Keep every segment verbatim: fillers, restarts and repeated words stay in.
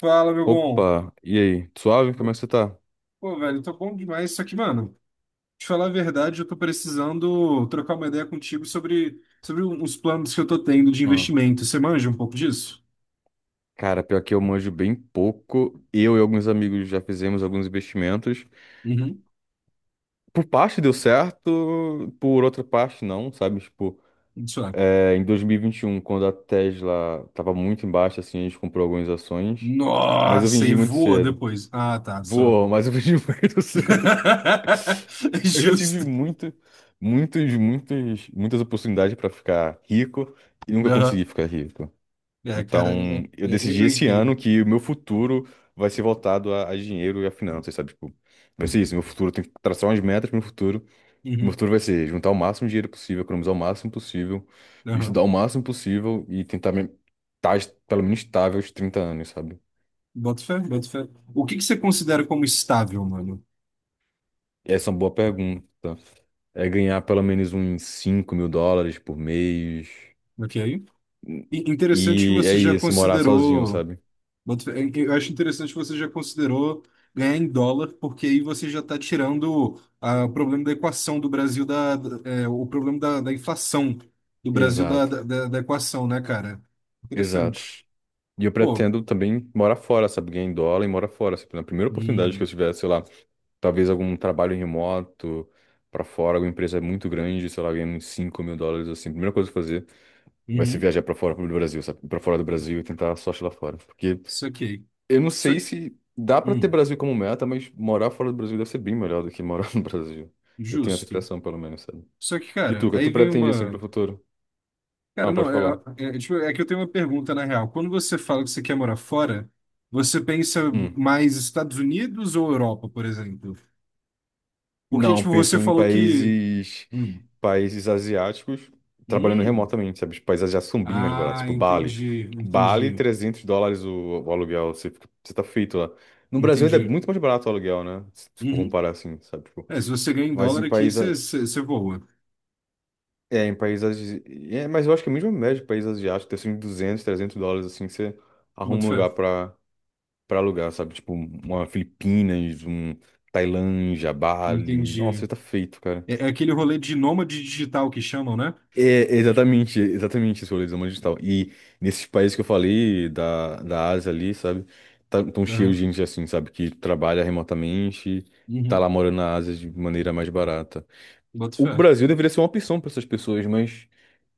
Fala, meu bom. Opa, e aí? Suave? Como é que você tá? Pô, velho, tá bom demais. Só que, mano, te falar a verdade, eu tô precisando trocar uma ideia contigo sobre, sobre uns planos que eu tô tendo de Ah, investimento. Você manja um pouco disso? cara, pior que eu manjo bem pouco. Eu e alguns amigos já fizemos alguns investimentos. Uhum. Por parte deu certo, por outra parte não, sabe? Tipo, Isso é. é, em dois mil e vinte e um, quando a Tesla tava muito embaixo, assim, a gente comprou algumas ações. Mas eu Nossa, vendi e muito voa cedo. depois. Ah, tá, só. Voou, mas eu vendi muito cedo. Eu já tive Justo. muito, muitos, muitos, muitas oportunidades para ficar rico e nunca consegui Aham. ficar rico. É, cara, é- Então, eu é- é, decidi eu esse ano entendo. que o meu futuro vai ser voltado a, a dinheiro e a finanças, sabe? Tipo, vai ser isso. Meu futuro tem que traçar umas metas pro meu futuro. Meu Uhum. futuro vai ser juntar o máximo de dinheiro possível, economizar o máximo possível, estudar Aham. o máximo possível e tentar me, tá, es- pelo menos estável aos trinta anos, sabe? Boto fé, boto fé. O que que você considera como estável, mano? Essa é uma boa pergunta. É ganhar pelo menos uns cinco mil dólares por mês. Ok? E interessante que E é você já isso, morar sozinho, considerou. sabe? Boto fé. Eu eu acho interessante que você já considerou ganhar em dólar, porque aí você já está tirando ah, o problema da equação do Brasil, da, da- é, o problema da, da inflação do Brasil da, Exato, da, da- da equação, né, cara? exato. Interessante. E eu Pô, pretendo também morar fora, sabe? Ganhar em dólar e morar fora. Sabe? Na primeira oportunidade que eu hum, tiver, sei lá, talvez algum trabalho remoto pra fora, alguma empresa muito grande, sei lá, ganhando uns cinco mil dólares, assim. A primeira coisa que eu fazer vai ser uhum, viajar pra fora do Brasil, sabe? Pra fora do Brasil e tentar a sorte lá fora. Porque isso aqui. eu não Isso, sei se dá pra ter hum, Brasil como meta, mas morar fora do Brasil deve ser bem melhor do que morar no Brasil. Eu tenho essa justo. impressão, pelo menos, sabe? Só que, E tu, cara, o que é que aí tu vem pretende, assim, pro uma. futuro? Ah, Cara, pode não, falar. é, é, é, tipo, é que eu tenho uma pergunta na real. Quando você fala que você quer morar fora, você pensa Hum. mais Estados Unidos ou Europa, por exemplo? Porque, Não, tipo, penso você em falou que. países, Hum, países asiáticos trabalhando hum. remotamente, sabe? Os países asiáticos são bem mais baratos, Ah, tipo Bali. entendi, Bali, entendi, trezentos dólares o, o aluguel, você, fica- você tá feito lá. No Brasil ainda é entendi. muito mais barato o aluguel, né? Se se for Uhum. comparar assim, sabe? Tipo, É, se você ganha em mas dólar em aqui, países, você você- você voa. é, em países, é, mas eu acho que é mesmo a mesma média de países asiáticos, deve ser uns duzentos, trezentos dólares, assim, que você arruma Bota um fé. lugar pra, pra alugar, sabe? Tipo, uma Filipinas, um Tailândia, Bali, Entendi. nossa, você tá feito, cara. É, é aquele rolê de nômade digital que chamam, né? É, exatamente, exatamente esse rolê do nômade digital. E nesses países que eu falei, da, da Ásia ali, sabe? Tá, tão cheio de Aham. gente assim, sabe? Que trabalha remotamente, tá lá Uhum. morando na Ásia de maneira mais barata. Bota O fé. Brasil deveria ser uma opção para essas pessoas, mas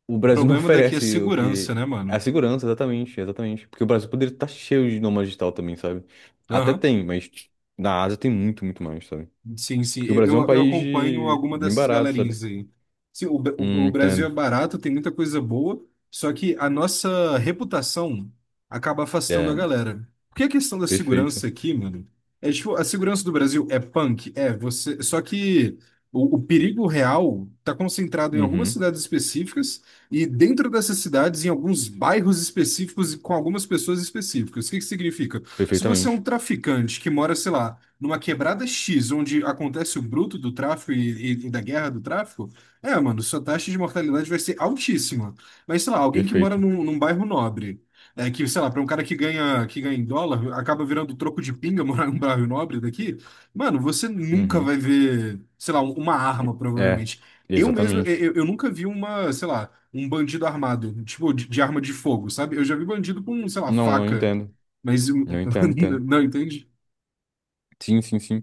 o O Brasil não problema daqui é oferece o segurança, que. né, mano? A segurança, exatamente, exatamente. Porque o Brasil poderia estar cheio de nômade digital também, sabe? Até Aham. tem, mas na Ásia tem muito, muito mais, sabe? Sim, sim. Porque o Eu, Brasil é um eu eu país acompanho de- alguma bem dessas barato, sabe? galerinhas aí. Sim, o, Bra- Hum, o o Brasil é entendo. barato, tem muita coisa boa, só que a nossa reputação acaba afastando É, a galera. Porque a questão da perfeito. segurança aqui, mano, é tipo, a segurança do Brasil é punk, é, você. Só que o, o perigo real tá concentrado em algumas Uhum. cidades específicas e dentro dessas cidades, em alguns bairros específicos e com algumas pessoas específicas. O que que significa? Se você é um Perfeitamente. traficante que mora, sei lá numa quebrada X, onde acontece o bruto do tráfico e, e- e da guerra do tráfico, é, mano, sua taxa de mortalidade vai ser altíssima. Mas, sei lá, alguém que mora Perfeito. num, num bairro nobre, é, que, sei lá, para um cara que ganha, que ganha em dólar, acaba virando troco de pinga morar num bairro nobre daqui, mano, você nunca Uhum. vai ver, sei lá, uma arma, É, provavelmente. Eu mesmo, eu, exatamente. eu eu nunca vi uma, sei lá, um bandido armado, tipo, de, de arma de fogo, sabe? Eu já vi bandido com, sei lá, Não, não faca, entendo. mas... Não entendo, entendo. Não, entende? Sim, sim, sim.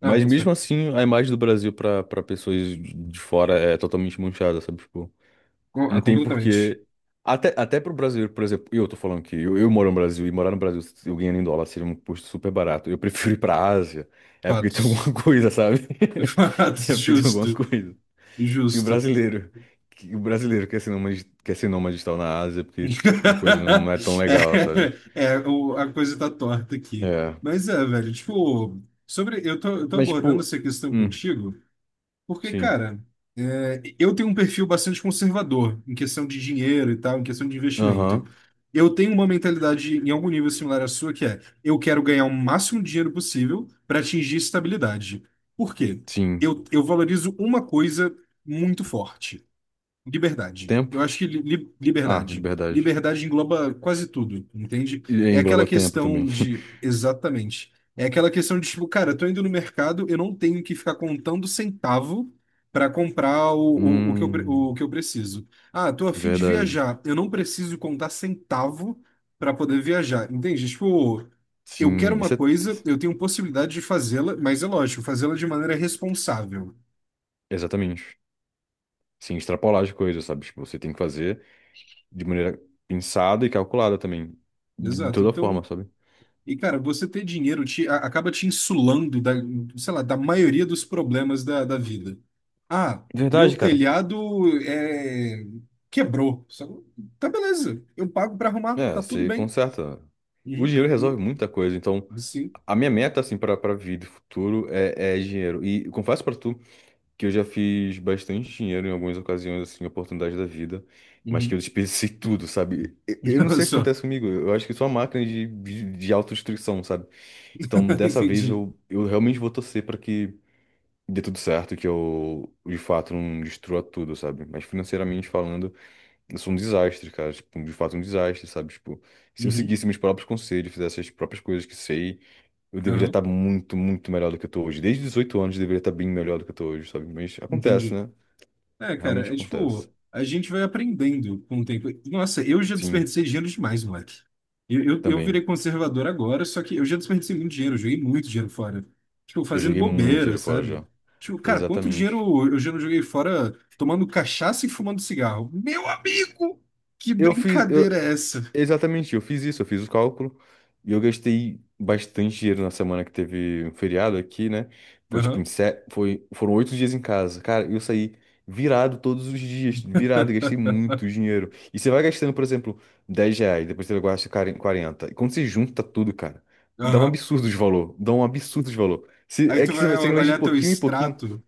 Ah, Mas boto fé. mesmo assim, a imagem do Brasil para para pessoas de de fora é totalmente manchada, sabe? Tipo, Com- não Ah, tem completamente. porquê. Até, até pro brasileiro, por exemplo, eu tô falando que eu, eu, moro no Brasil e morar no Brasil, eu ganhando em dólar, seria um custo super barato. Eu prefiro ir pra Ásia, é porque tem Fatos. alguma coisa, sabe? É Fatos, porque tem alguma justo. coisa. Se o Justo. brasileiro, que- o brasileiro quer ser nômade, quer ser nômade e tal na Ásia, porque a coisa não não é tão legal, sabe? É, é, o- a coisa tá torta aqui. É. Mas é, velho, tipo, sobre. Eu tô, eu tô Mas, abordando tipo, essa questão hum, contigo. Porque, sim. cara, é, eu tenho um perfil bastante conservador em questão de dinheiro e tal, em questão de investimento. Aham, Eu tenho uma mentalidade em algum nível similar à sua, que é eu quero ganhar o máximo de dinheiro possível para atingir estabilidade. Por quê? sim. Eu, eu valorizo uma coisa muito forte. Liberdade. Tempo? Eu acho que li- li- Ah, liberdade. liberdade. Liberdade engloba quase tudo, entende? E É aquela engloba tempo também. questão de. Exatamente. É aquela questão de, tipo, cara, eu tô indo no mercado, eu não tenho que ficar contando centavo para comprar o, o, o que eu, pre- Hum, o que eu preciso. Ah, tô a fim de verdade. viajar, eu não preciso contar centavo para poder viajar, entende? Tipo, eu quero Sim, uma isso é. coisa, eu tenho possibilidade de fazê-la, mas é lógico, fazê-la de maneira responsável. Exatamente. Sim, extrapolar as coisas, sabe? Tipo, você tem que fazer de maneira pensada e calculada também. De, de Exato. toda Então. forma, sabe? E, cara, você ter dinheiro te, a- acaba te insulando da, sei lá, da maioria dos problemas da, da vida. Ah, meu Verdade, cara. telhado é, quebrou. Sacou? Tá beleza, eu pago pra arrumar, É, tá tudo você bem. conserta. O Uhum. dinheiro resolve Hum, muita coisa, então. sim. A minha meta, assim, para para vida futuro é, é dinheiro. E confesso para tu que eu já fiz bastante dinheiro em algumas ocasiões, assim, oportunidades da vida, mas que eu Uhum. desperdicei tudo, sabe? Eu, eu não Olha sei o que só. acontece comigo. Eu acho que sou uma máquina de, de, de autodestruição, sabe? Então, dessa vez, Entendi. eu, eu realmente vou torcer para que dê tudo certo, que eu, de fato, não destrua tudo, sabe? Mas financeiramente falando. Eu sou um desastre, cara. Tipo, de fato, um desastre, sabe? Tipo, se eu Uhum. seguisse meus próprios conselhos, fizesse as próprias coisas que sei, eu deveria Aham. estar muito, muito melhor do que eu tô hoje. Desde os dezoito anos, eu deveria estar bem melhor do que eu tô hoje, sabe? Mas acontece, Entendi. né? É, Realmente cara, é acontece. tipo, a gente vai aprendendo com o tempo. Nossa, eu já Sim, desperdicei dinheiro demais, moleque. Eu, eu, eu virei também. conservador agora, só que eu já desperdicei muito dinheiro, eu joguei muito dinheiro fora. Tipo, Eu fazendo joguei muito bobeira, dinheiro fora sabe? já. Tipo, cara, quanto dinheiro Exatamente. eu eu já não joguei fora tomando cachaça e fumando cigarro? Meu amigo! Que Eu fiz. brincadeira Eu, é essa? Exatamente, eu fiz isso, eu fiz o cálculo e eu gastei bastante dinheiro na semana que teve um feriado aqui, né? Foi tipo, em Aham, se- foi, foram oito dias em casa. Cara, eu saí virado todos os dias, virado, gastei muito dinheiro. E você vai gastando, por exemplo, dez reais, depois você gasta quaren- quarenta E quando você junta tudo, cara, dá um aham. absurdo de valor, dá um absurdo de valor. Se, Aí é tu que você vai vai, você vai de olhar teu pouquinho em pouquinho. extrato.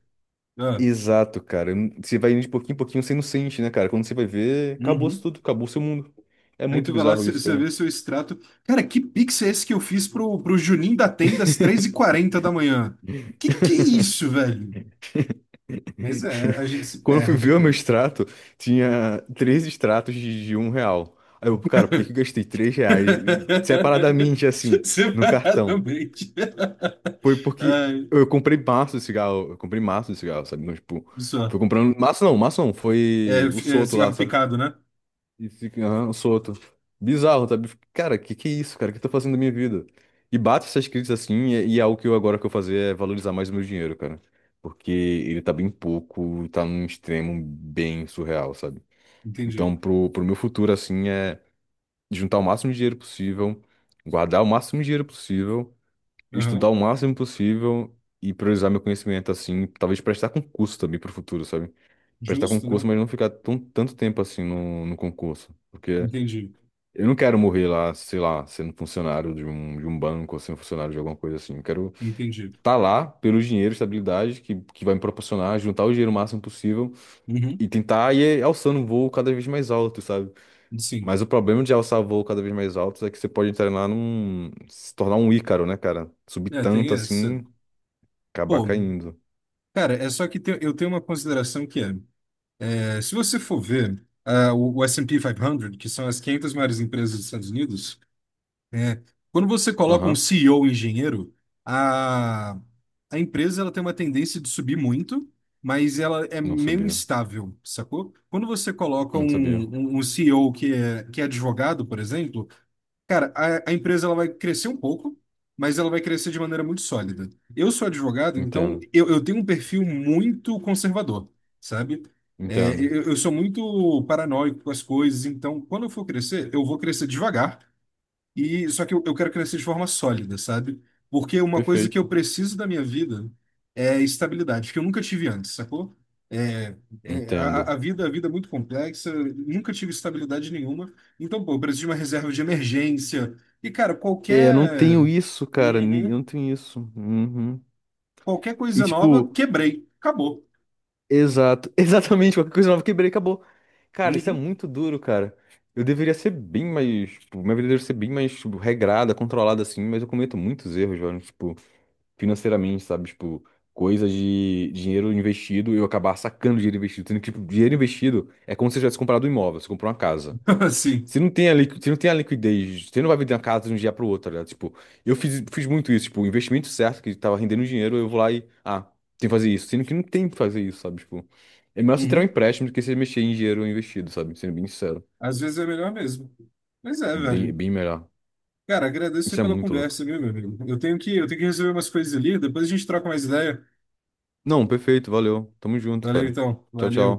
Ah, Exato, cara. Você vai indo de pouquinho em pouquinho, você não sente, né, cara? Quando você vai ver, acabou-se uhum. tudo, acabou o seu mundo. É Aí muito tu vai lá, bizarro isso, você cara. vê seu extrato. Cara, que pix é esse que eu fiz pro, pro Juninho da Tenda às três e quarenta da manhã? Que que é isso, velho? Mas é, a gente se Quando eu fui perde, ver o meu cara. extrato, tinha três extratos de, de um real. Aí eu, cara, por que que eu gastei três reais separadamente assim, no cartão? Separadamente. Foi porque Ai, eu comprei maço de cigarro, eu comprei maço de cigarro, sabe? Então, tipo, fui só. comprando. Maço não, maço não, É, foi o f- é solto lá, cigarro sabe? picado, né? E fica, aham, solto. Bizarro, sabe? Cara, que que é isso, cara? O que eu tô fazendo da minha vida? E bate essas críticas assim, e, e é algo que eu agora que eu fazer é valorizar mais o meu dinheiro, cara. Porque ele tá bem pouco, tá num extremo bem surreal, sabe? Entendi. Então, pro, pro meu futuro, assim, é juntar o máximo de dinheiro possível, guardar o máximo de dinheiro possível, estudar Aham. o máximo possível e priorizar meu conhecimento, assim, talvez prestar concurso também pro futuro, sabe? Prestar Justo, concurso, né? mas não ficar tão, tanto tempo assim no, no concurso. Porque. Entendi. Eu não quero morrer lá, sei lá, sendo funcionário de um, de um banco ou sendo funcionário de alguma coisa assim. Eu quero Entendi. estar lá pelo dinheiro, estabilidade que, que vai me proporcionar, juntar o dinheiro o máximo possível Uhum. e tentar ir alçando um voo cada vez mais alto, sabe? Sim. Mas o problema de alçar voo cada vez mais alto é que você pode entrar lá num, se tornar um Ícaro, né, cara? Subir É, tem tanto essa. assim, acabar Pô, caindo. cara, é só que te- eu tenho uma consideração que é. É, se você for ver, ah, o, o S e P quinhentos, que são as quinhentas maiores empresas dos Estados Unidos, é, quando você coloca um Aham. ceo engenheiro, a, a empresa ela tem uma tendência de subir muito, mas ela é Não meio sabia. instável, sacou? Quando você coloca Não um, sabia. um, um ceo que é, que é advogado, por exemplo, cara, a, a empresa ela vai crescer um pouco, mas ela vai crescer de maneira muito sólida. Eu sou advogado, então Entendo. eu, eu tenho um perfil muito conservador, sabe? É, Entendo. eu, eu sou muito paranoico com as coisas, então quando eu for crescer, eu vou crescer devagar. E só que eu, eu quero crescer de forma sólida, sabe? Porque uma coisa que Perfeito. eu preciso da minha vida é estabilidade, que eu nunca tive antes, sacou? É, é, Entendo. a, a vida, a vida é muito complexa, nunca tive estabilidade nenhuma. Então, pô, eu preciso de uma reserva de emergência. E, cara, É, eu não tenho qualquer. isso, cara. ni- Eu Uhum. não tenho isso. Uhum. Qualquer E coisa nova, tipo, quebrei, acabou. exato, exatamente, qualquer coisa nova quebrei, acabou. Cara, isso é Uhum. muito duro, cara. Eu deveria ser bem mais, tipo, minha vida deveria ser bem mais, tipo, regrada, controlada, assim, mas eu cometo muitos erros, velho, tipo, financeiramente, sabe? Tipo, coisa de dinheiro investido e eu acabar sacando dinheiro investido. Tendo que, tipo, dinheiro investido é como se eu tivesse comprado um imóvel, você comprou uma casa. Assim, Você não tem a, liqui- você não tem a liquidez, você não vai vender uma casa de um dia para o outro, tá ligado? Tipo, eu fiz, fiz, muito isso, tipo, o investimento certo, que tava rendendo dinheiro, eu vou lá e, ah, tem que fazer isso, sendo que não tem que fazer isso, sabe? Tipo, é melhor você tirar um uhum. empréstimo do que você mexer em dinheiro investido, sabe? Sendo bem sincero, Às vezes é melhor mesmo. Mas é, bem, bem velho. melhor. Cara, agradeço Isso aí é pela muito louco. conversa, viu, meu amigo? Eu tenho que, eu tenho que resolver umas coisas ali, depois a gente troca mais ideia. Não, perfeito, valeu. Tamo junto, Valeu, cara. então. Tchau, tchau. Valeu.